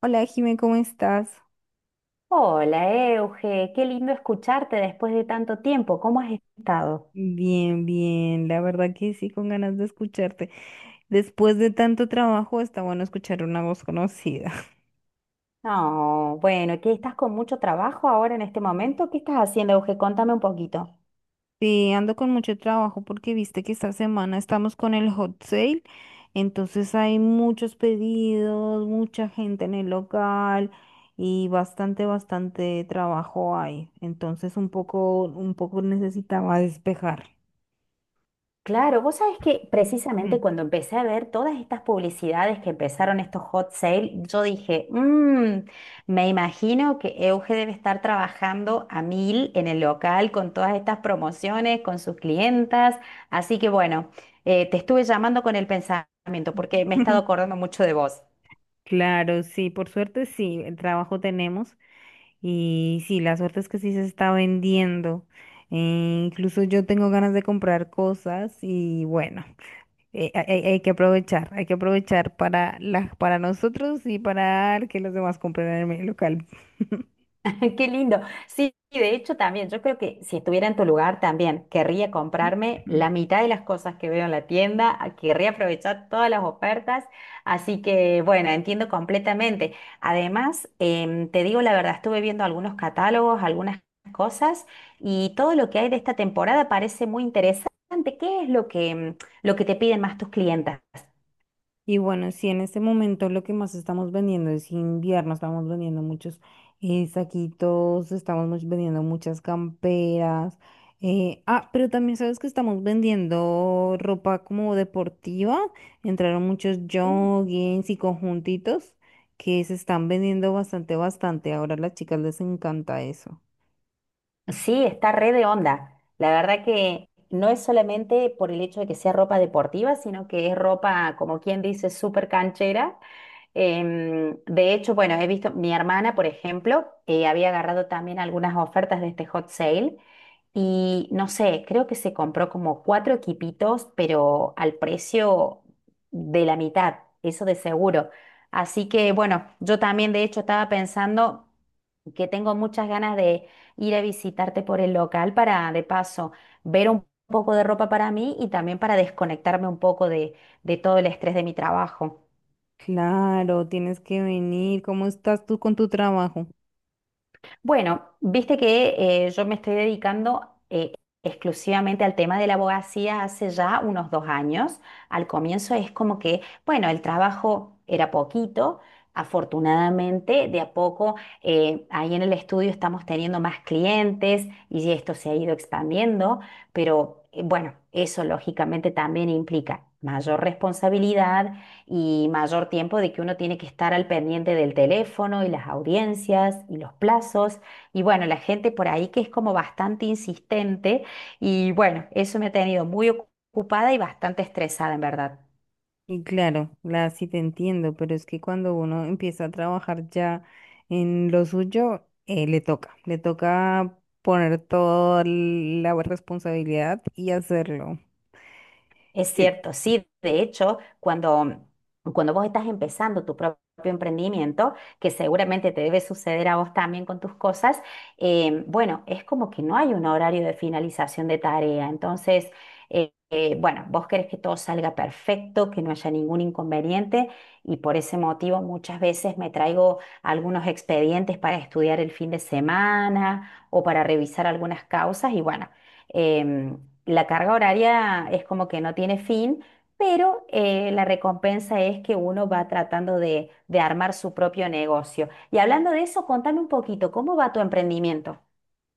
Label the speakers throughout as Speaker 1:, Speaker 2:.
Speaker 1: Hola, Jimé, ¿cómo estás?
Speaker 2: Hola, Euge, qué lindo escucharte después de tanto tiempo. ¿Cómo has estado?
Speaker 1: Bien, bien, la verdad que sí, con ganas de escucharte. Después de tanto trabajo, está bueno escuchar una voz conocida.
Speaker 2: No, bueno, ¿qué estás con mucho trabajo ahora en este momento? ¿Qué estás haciendo, Euge? Contame un poquito.
Speaker 1: Sí, ando con mucho trabajo porque viste que esta semana estamos con el hot sale, entonces hay muchos pedidos, mucha gente en el local y bastante, bastante trabajo hay. Entonces un poco necesitaba despejar.
Speaker 2: Claro, vos sabés que precisamente
Speaker 1: Mm.
Speaker 2: cuando empecé a ver todas estas publicidades que empezaron estos hot sale, yo dije, "Me imagino que Euge debe estar trabajando a mil en el local con todas estas promociones, con sus clientas." Así que bueno, te estuve llamando con el pensamiento porque me he estado acordando mucho de vos.
Speaker 1: Claro, sí, por suerte sí, el trabajo tenemos. Y sí, la suerte es que sí se está vendiendo. Incluso yo tengo ganas de comprar cosas y bueno, hay que aprovechar, hay que aprovechar para, para nosotros y para que los demás compren en mi local.
Speaker 2: Qué lindo. Sí, de hecho también, yo creo que si estuviera en tu lugar también, querría comprarme la mitad de las cosas que veo en la tienda, querría aprovechar todas las ofertas, así que bueno, entiendo completamente. Además, te digo la verdad, estuve viendo algunos catálogos, algunas cosas y todo lo que hay de esta temporada parece muy interesante. ¿Qué es lo que te piden más tus clientas?
Speaker 1: Y bueno, sí, en este momento lo que más estamos vendiendo es invierno, estamos vendiendo muchos saquitos, vendiendo muchas camperas. Pero también sabes que estamos vendiendo ropa como deportiva. Entraron muchos joggings y conjuntitos que se están vendiendo bastante, bastante. Ahora a las chicas les encanta eso.
Speaker 2: Sí, está re de onda. La verdad que no es solamente por el hecho de que sea ropa deportiva, sino que es ropa, como quien dice, súper canchera. De hecho, bueno, he visto mi hermana, por ejemplo, había agarrado también algunas ofertas de este hot sale y no sé, creo que se compró como cuatro equipitos, pero al precio de la mitad, eso de seguro. Así que bueno, yo también de hecho estaba pensando que tengo muchas ganas de ir a visitarte por el local para de paso ver un poco de ropa para mí y también para desconectarme un poco de todo el estrés de mi trabajo.
Speaker 1: Claro, tienes que venir. ¿Cómo estás tú con tu trabajo?
Speaker 2: Bueno, viste que yo me estoy dedicando exclusivamente al tema de la abogacía hace ya unos 2 años. Al comienzo es como que, bueno, el trabajo era poquito. Afortunadamente, de a poco, ahí en el estudio estamos teniendo más clientes y esto se ha ido expandiendo, pero bueno, eso lógicamente también implica mayor responsabilidad y mayor tiempo de que uno tiene que estar al pendiente del teléfono y las audiencias y los plazos. Y bueno, la gente por ahí que es como bastante insistente y bueno, eso me ha tenido muy ocupada y bastante estresada en verdad.
Speaker 1: Y claro, la, sí te entiendo, pero es que cuando uno empieza a trabajar ya en lo suyo, le toca poner toda la responsabilidad y hacerlo.
Speaker 2: Es cierto, sí. De hecho, cuando vos estás empezando tu propio emprendimiento, que seguramente te debe suceder a vos también con tus cosas, bueno, es como que no hay un horario de finalización de tarea. Entonces, bueno, vos querés que todo salga perfecto, que no haya ningún inconveniente y por ese motivo muchas veces me traigo algunos expedientes para estudiar el fin de semana o para revisar algunas causas y bueno. em, la carga horaria es como que no tiene fin, pero la recompensa es que uno va tratando de armar su propio negocio. Y hablando de eso, contame un poquito, ¿cómo va tu emprendimiento?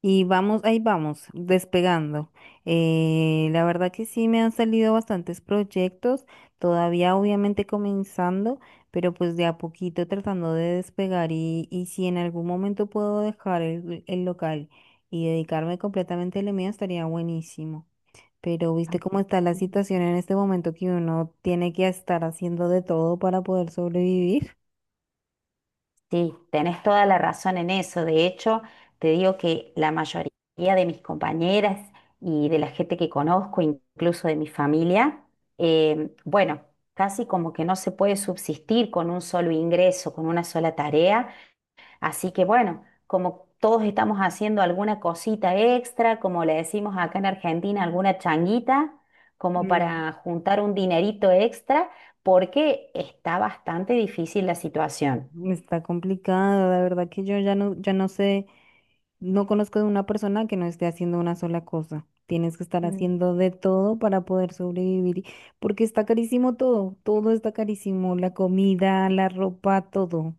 Speaker 1: Y vamos, ahí vamos, despegando. La verdad que sí me han salido bastantes proyectos, todavía obviamente comenzando, pero pues de a poquito tratando de despegar y si en algún momento puedo dejar el local y dedicarme completamente a lo mío, estaría buenísimo. Pero
Speaker 2: Ah,
Speaker 1: viste cómo está la
Speaker 2: sí.
Speaker 1: situación en este momento que uno tiene que estar haciendo de todo para poder sobrevivir.
Speaker 2: Sí, tenés toda la razón en eso. De hecho, te digo que la mayoría de mis compañeras y de la gente que conozco, incluso de mi familia, bueno, casi como que no se puede subsistir con un solo ingreso, con una sola tarea. Así que bueno, como todos estamos haciendo alguna cosita extra, como le decimos acá en Argentina, alguna changuita, como
Speaker 1: Mm.
Speaker 2: para juntar un dinerito extra, porque está bastante difícil la situación.
Speaker 1: Está complicado, la verdad que yo ya no, ya no sé, no conozco de una persona que no esté haciendo una sola cosa. Tienes que estar
Speaker 2: Mm.
Speaker 1: haciendo de todo para poder sobrevivir, y- porque está carísimo todo, todo está carísimo, la comida, la ropa, todo.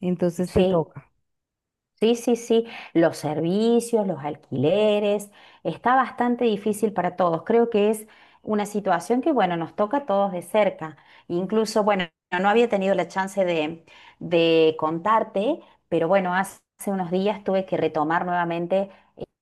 Speaker 1: Entonces te
Speaker 2: Sí,
Speaker 1: toca.
Speaker 2: sí, sí, sí, los servicios, los alquileres, está bastante difícil para todos. Creo que es una situación que, bueno, nos toca a todos de cerca. Incluso, bueno, no había tenido la chance de contarte, pero bueno, hace unos días tuve que retomar nuevamente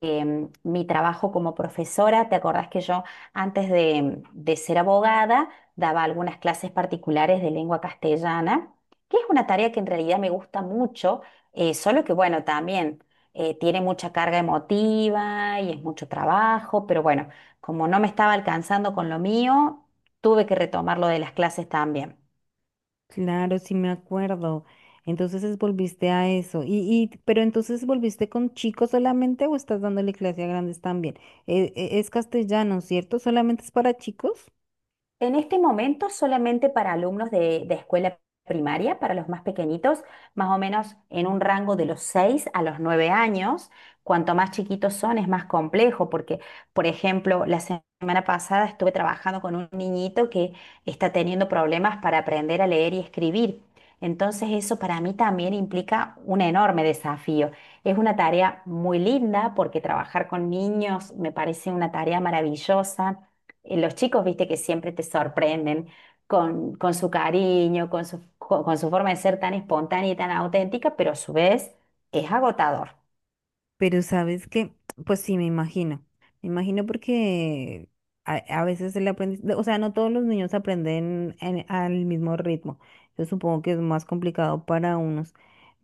Speaker 2: mi trabajo como profesora. ¿Te acordás que yo antes de ser abogada daba algunas clases particulares de lengua castellana, que es una tarea que en realidad me gusta mucho, solo que bueno, también tiene mucha carga emotiva y es mucho trabajo, pero bueno, como no me estaba alcanzando con lo mío, tuve que retomar lo de las clases también?
Speaker 1: Claro, sí me acuerdo. Entonces volviste a eso. Y, pero entonces ¿volviste con chicos solamente o estás dándole clase a grandes también? Es castellano, ¿cierto? ¿Solamente es para chicos?
Speaker 2: En este momento, solamente para alumnos de escuela primaria, para los más pequeñitos, más o menos en un rango de los 6 a los 9 años. Cuanto más chiquitos son, es más complejo, porque, por ejemplo, la semana pasada estuve trabajando con un niñito que está teniendo problemas para aprender a leer y escribir. Entonces, eso para mí también implica un enorme desafío. Es una tarea muy linda porque trabajar con niños me parece una tarea maravillosa. Eh, los chicos, viste, que siempre te sorprenden con su cariño, con su forma de ser tan espontánea y tan auténtica, pero a su vez es agotador.
Speaker 1: Pero sabes que, pues sí, me imagino. Me imagino porque a veces el aprendizaje, o sea, no todos los niños aprenden al mismo ritmo. Yo supongo que es más complicado para unos.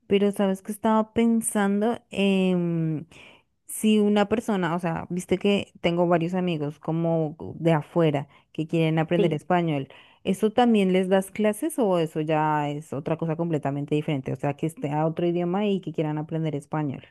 Speaker 1: Pero sabes que estaba pensando en si una persona, o sea, viste que tengo varios amigos como de afuera que quieren aprender
Speaker 2: Sí.
Speaker 1: español. ¿Eso también les das clases o eso ya es otra cosa completamente diferente? O sea, que esté a otro idioma y que quieran aprender español.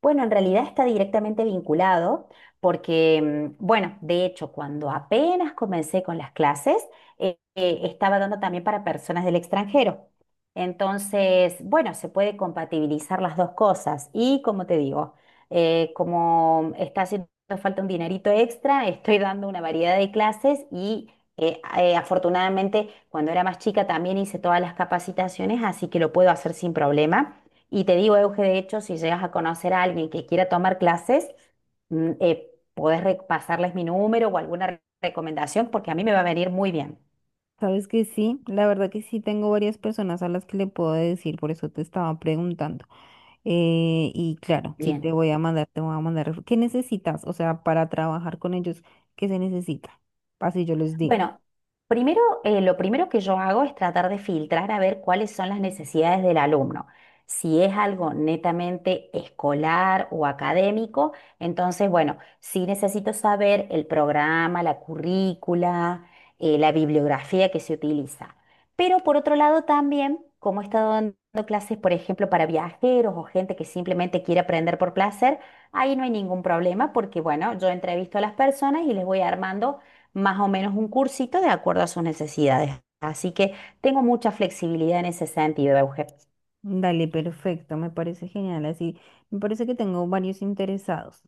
Speaker 2: Bueno, en realidad está directamente vinculado porque, bueno, de hecho, cuando apenas comencé con las clases, estaba dando también para personas del extranjero. Entonces, bueno, se puede compatibilizar las dos cosas. Y como te digo, como está haciendo falta un dinerito extra, estoy dando una variedad de clases y afortunadamente cuando era más chica también hice todas las capacitaciones, así que lo puedo hacer sin problema. Y te digo, Euge, de hecho, si llegas a conocer a alguien que quiera tomar clases, podés pasarles mi número o alguna recomendación porque a mí me va a venir muy bien.
Speaker 1: Sabes que sí, la verdad que sí tengo varias personas a las que le puedo decir, por eso te estaba preguntando. Y claro, sí
Speaker 2: Bien.
Speaker 1: te voy a mandar, te voy a mandar. ¿Qué necesitas? O sea, para trabajar con ellos, ¿qué se necesita? Así yo les digo.
Speaker 2: Bueno, primero, lo primero que yo hago es tratar de filtrar a ver cuáles son las necesidades del alumno. Si es algo netamente escolar o académico, entonces, bueno, sí necesito saber el programa, la currícula, la bibliografía que se utiliza. Pero por otro lado también, como he estado dando clases, por ejemplo, para viajeros o gente que simplemente quiere aprender por placer, ahí no hay ningún problema porque, bueno, yo entrevisto a las personas y les voy armando más o menos un cursito de acuerdo a sus necesidades. Así que tengo mucha flexibilidad en ese sentido, Euge.
Speaker 1: Dale, perfecto, me parece genial. Así, me parece que tengo varios interesados.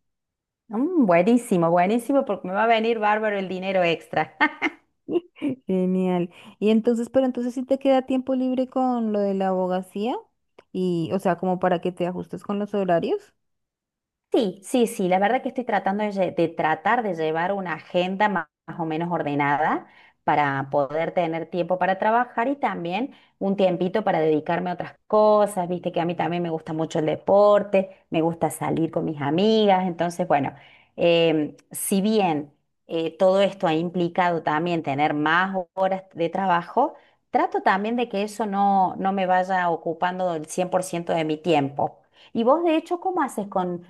Speaker 2: Mm, buenísimo, buenísimo, porque me va a venir bárbaro el dinero extra.
Speaker 1: Genial. Y entonces, pero entonces sí te queda tiempo libre con lo de la abogacía y, o sea, como para que te ajustes con los horarios.
Speaker 2: Sí, sí, sí, la verdad que estoy tratando de tratar de llevar una agenda más, o menos ordenada para poder tener tiempo para trabajar y también un tiempito para dedicarme a otras cosas, viste que a mí también me gusta mucho el deporte, me gusta salir con mis amigas, entonces bueno, si bien todo esto ha implicado también tener más horas de trabajo, trato también de que eso no me vaya ocupando el 100% de mi tiempo. Y vos, de hecho. ¿cómo haces con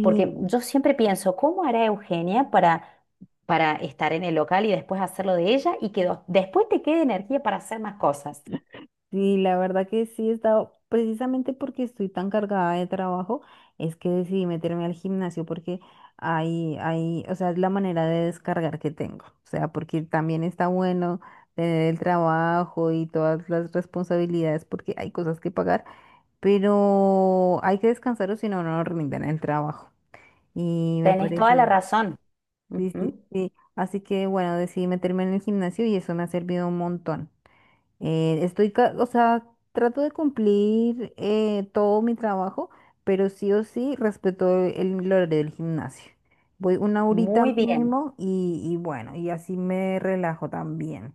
Speaker 2: porque yo siempre pienso, ¿cómo hará Eugenia para estar en el local y después hacerlo de ella y que después te quede energía para hacer más cosas?
Speaker 1: sí, la verdad que sí he estado, precisamente porque estoy tan cargada de trabajo, es que decidí meterme al gimnasio porque ahí, ahí, o sea, es la manera de descargar que tengo. O sea, porque también está bueno tener el trabajo y todas las responsabilidades porque hay cosas que pagar, pero hay que descansar o si no, no rinden el trabajo. Y me
Speaker 2: Tenés toda la
Speaker 1: parece,
Speaker 2: razón.
Speaker 1: sí, sí,
Speaker 2: Ujú.
Speaker 1: sí. Así que bueno, decidí meterme en el gimnasio y eso me ha servido un montón. O sea, trato de cumplir todo mi trabajo, pero sí o sí respeto el horario del gimnasio. Voy una horita
Speaker 2: Muy bien.
Speaker 1: mínimo y bueno, y así me relajo también.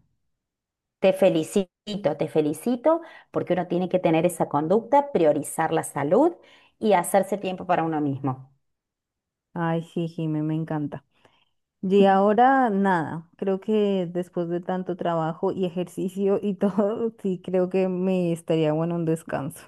Speaker 2: Te felicito, te felicito, porque uno tiene que tener esa conducta, priorizar la salud y hacerse tiempo para uno mismo.
Speaker 1: Ay, sí, Jimé, me encanta. Y ahora nada, creo que después de tanto trabajo y ejercicio y todo, sí creo que me estaría bueno un descanso.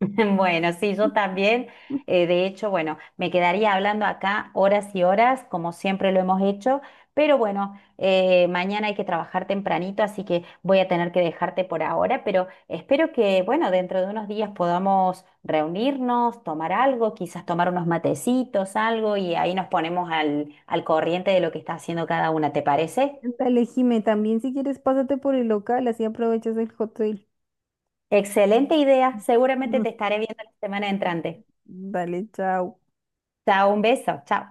Speaker 2: Bueno, sí, yo también. De hecho, bueno, me quedaría hablando acá horas y horas, como siempre lo hemos hecho, pero bueno, mañana hay que trabajar tempranito, así que voy a tener que dejarte por ahora, pero espero que, bueno, dentro de unos días podamos reunirnos, tomar algo, quizás tomar unos matecitos, algo, y ahí nos ponemos al corriente de lo que está haciendo cada una, ¿te parece?
Speaker 1: Dale, Jimé, también si quieres pásate por el local, así aprovechas el hotel.
Speaker 2: Excelente idea, seguramente te estaré viendo la semana entrante.
Speaker 1: Vale, chao.
Speaker 2: Chao, un beso, chao.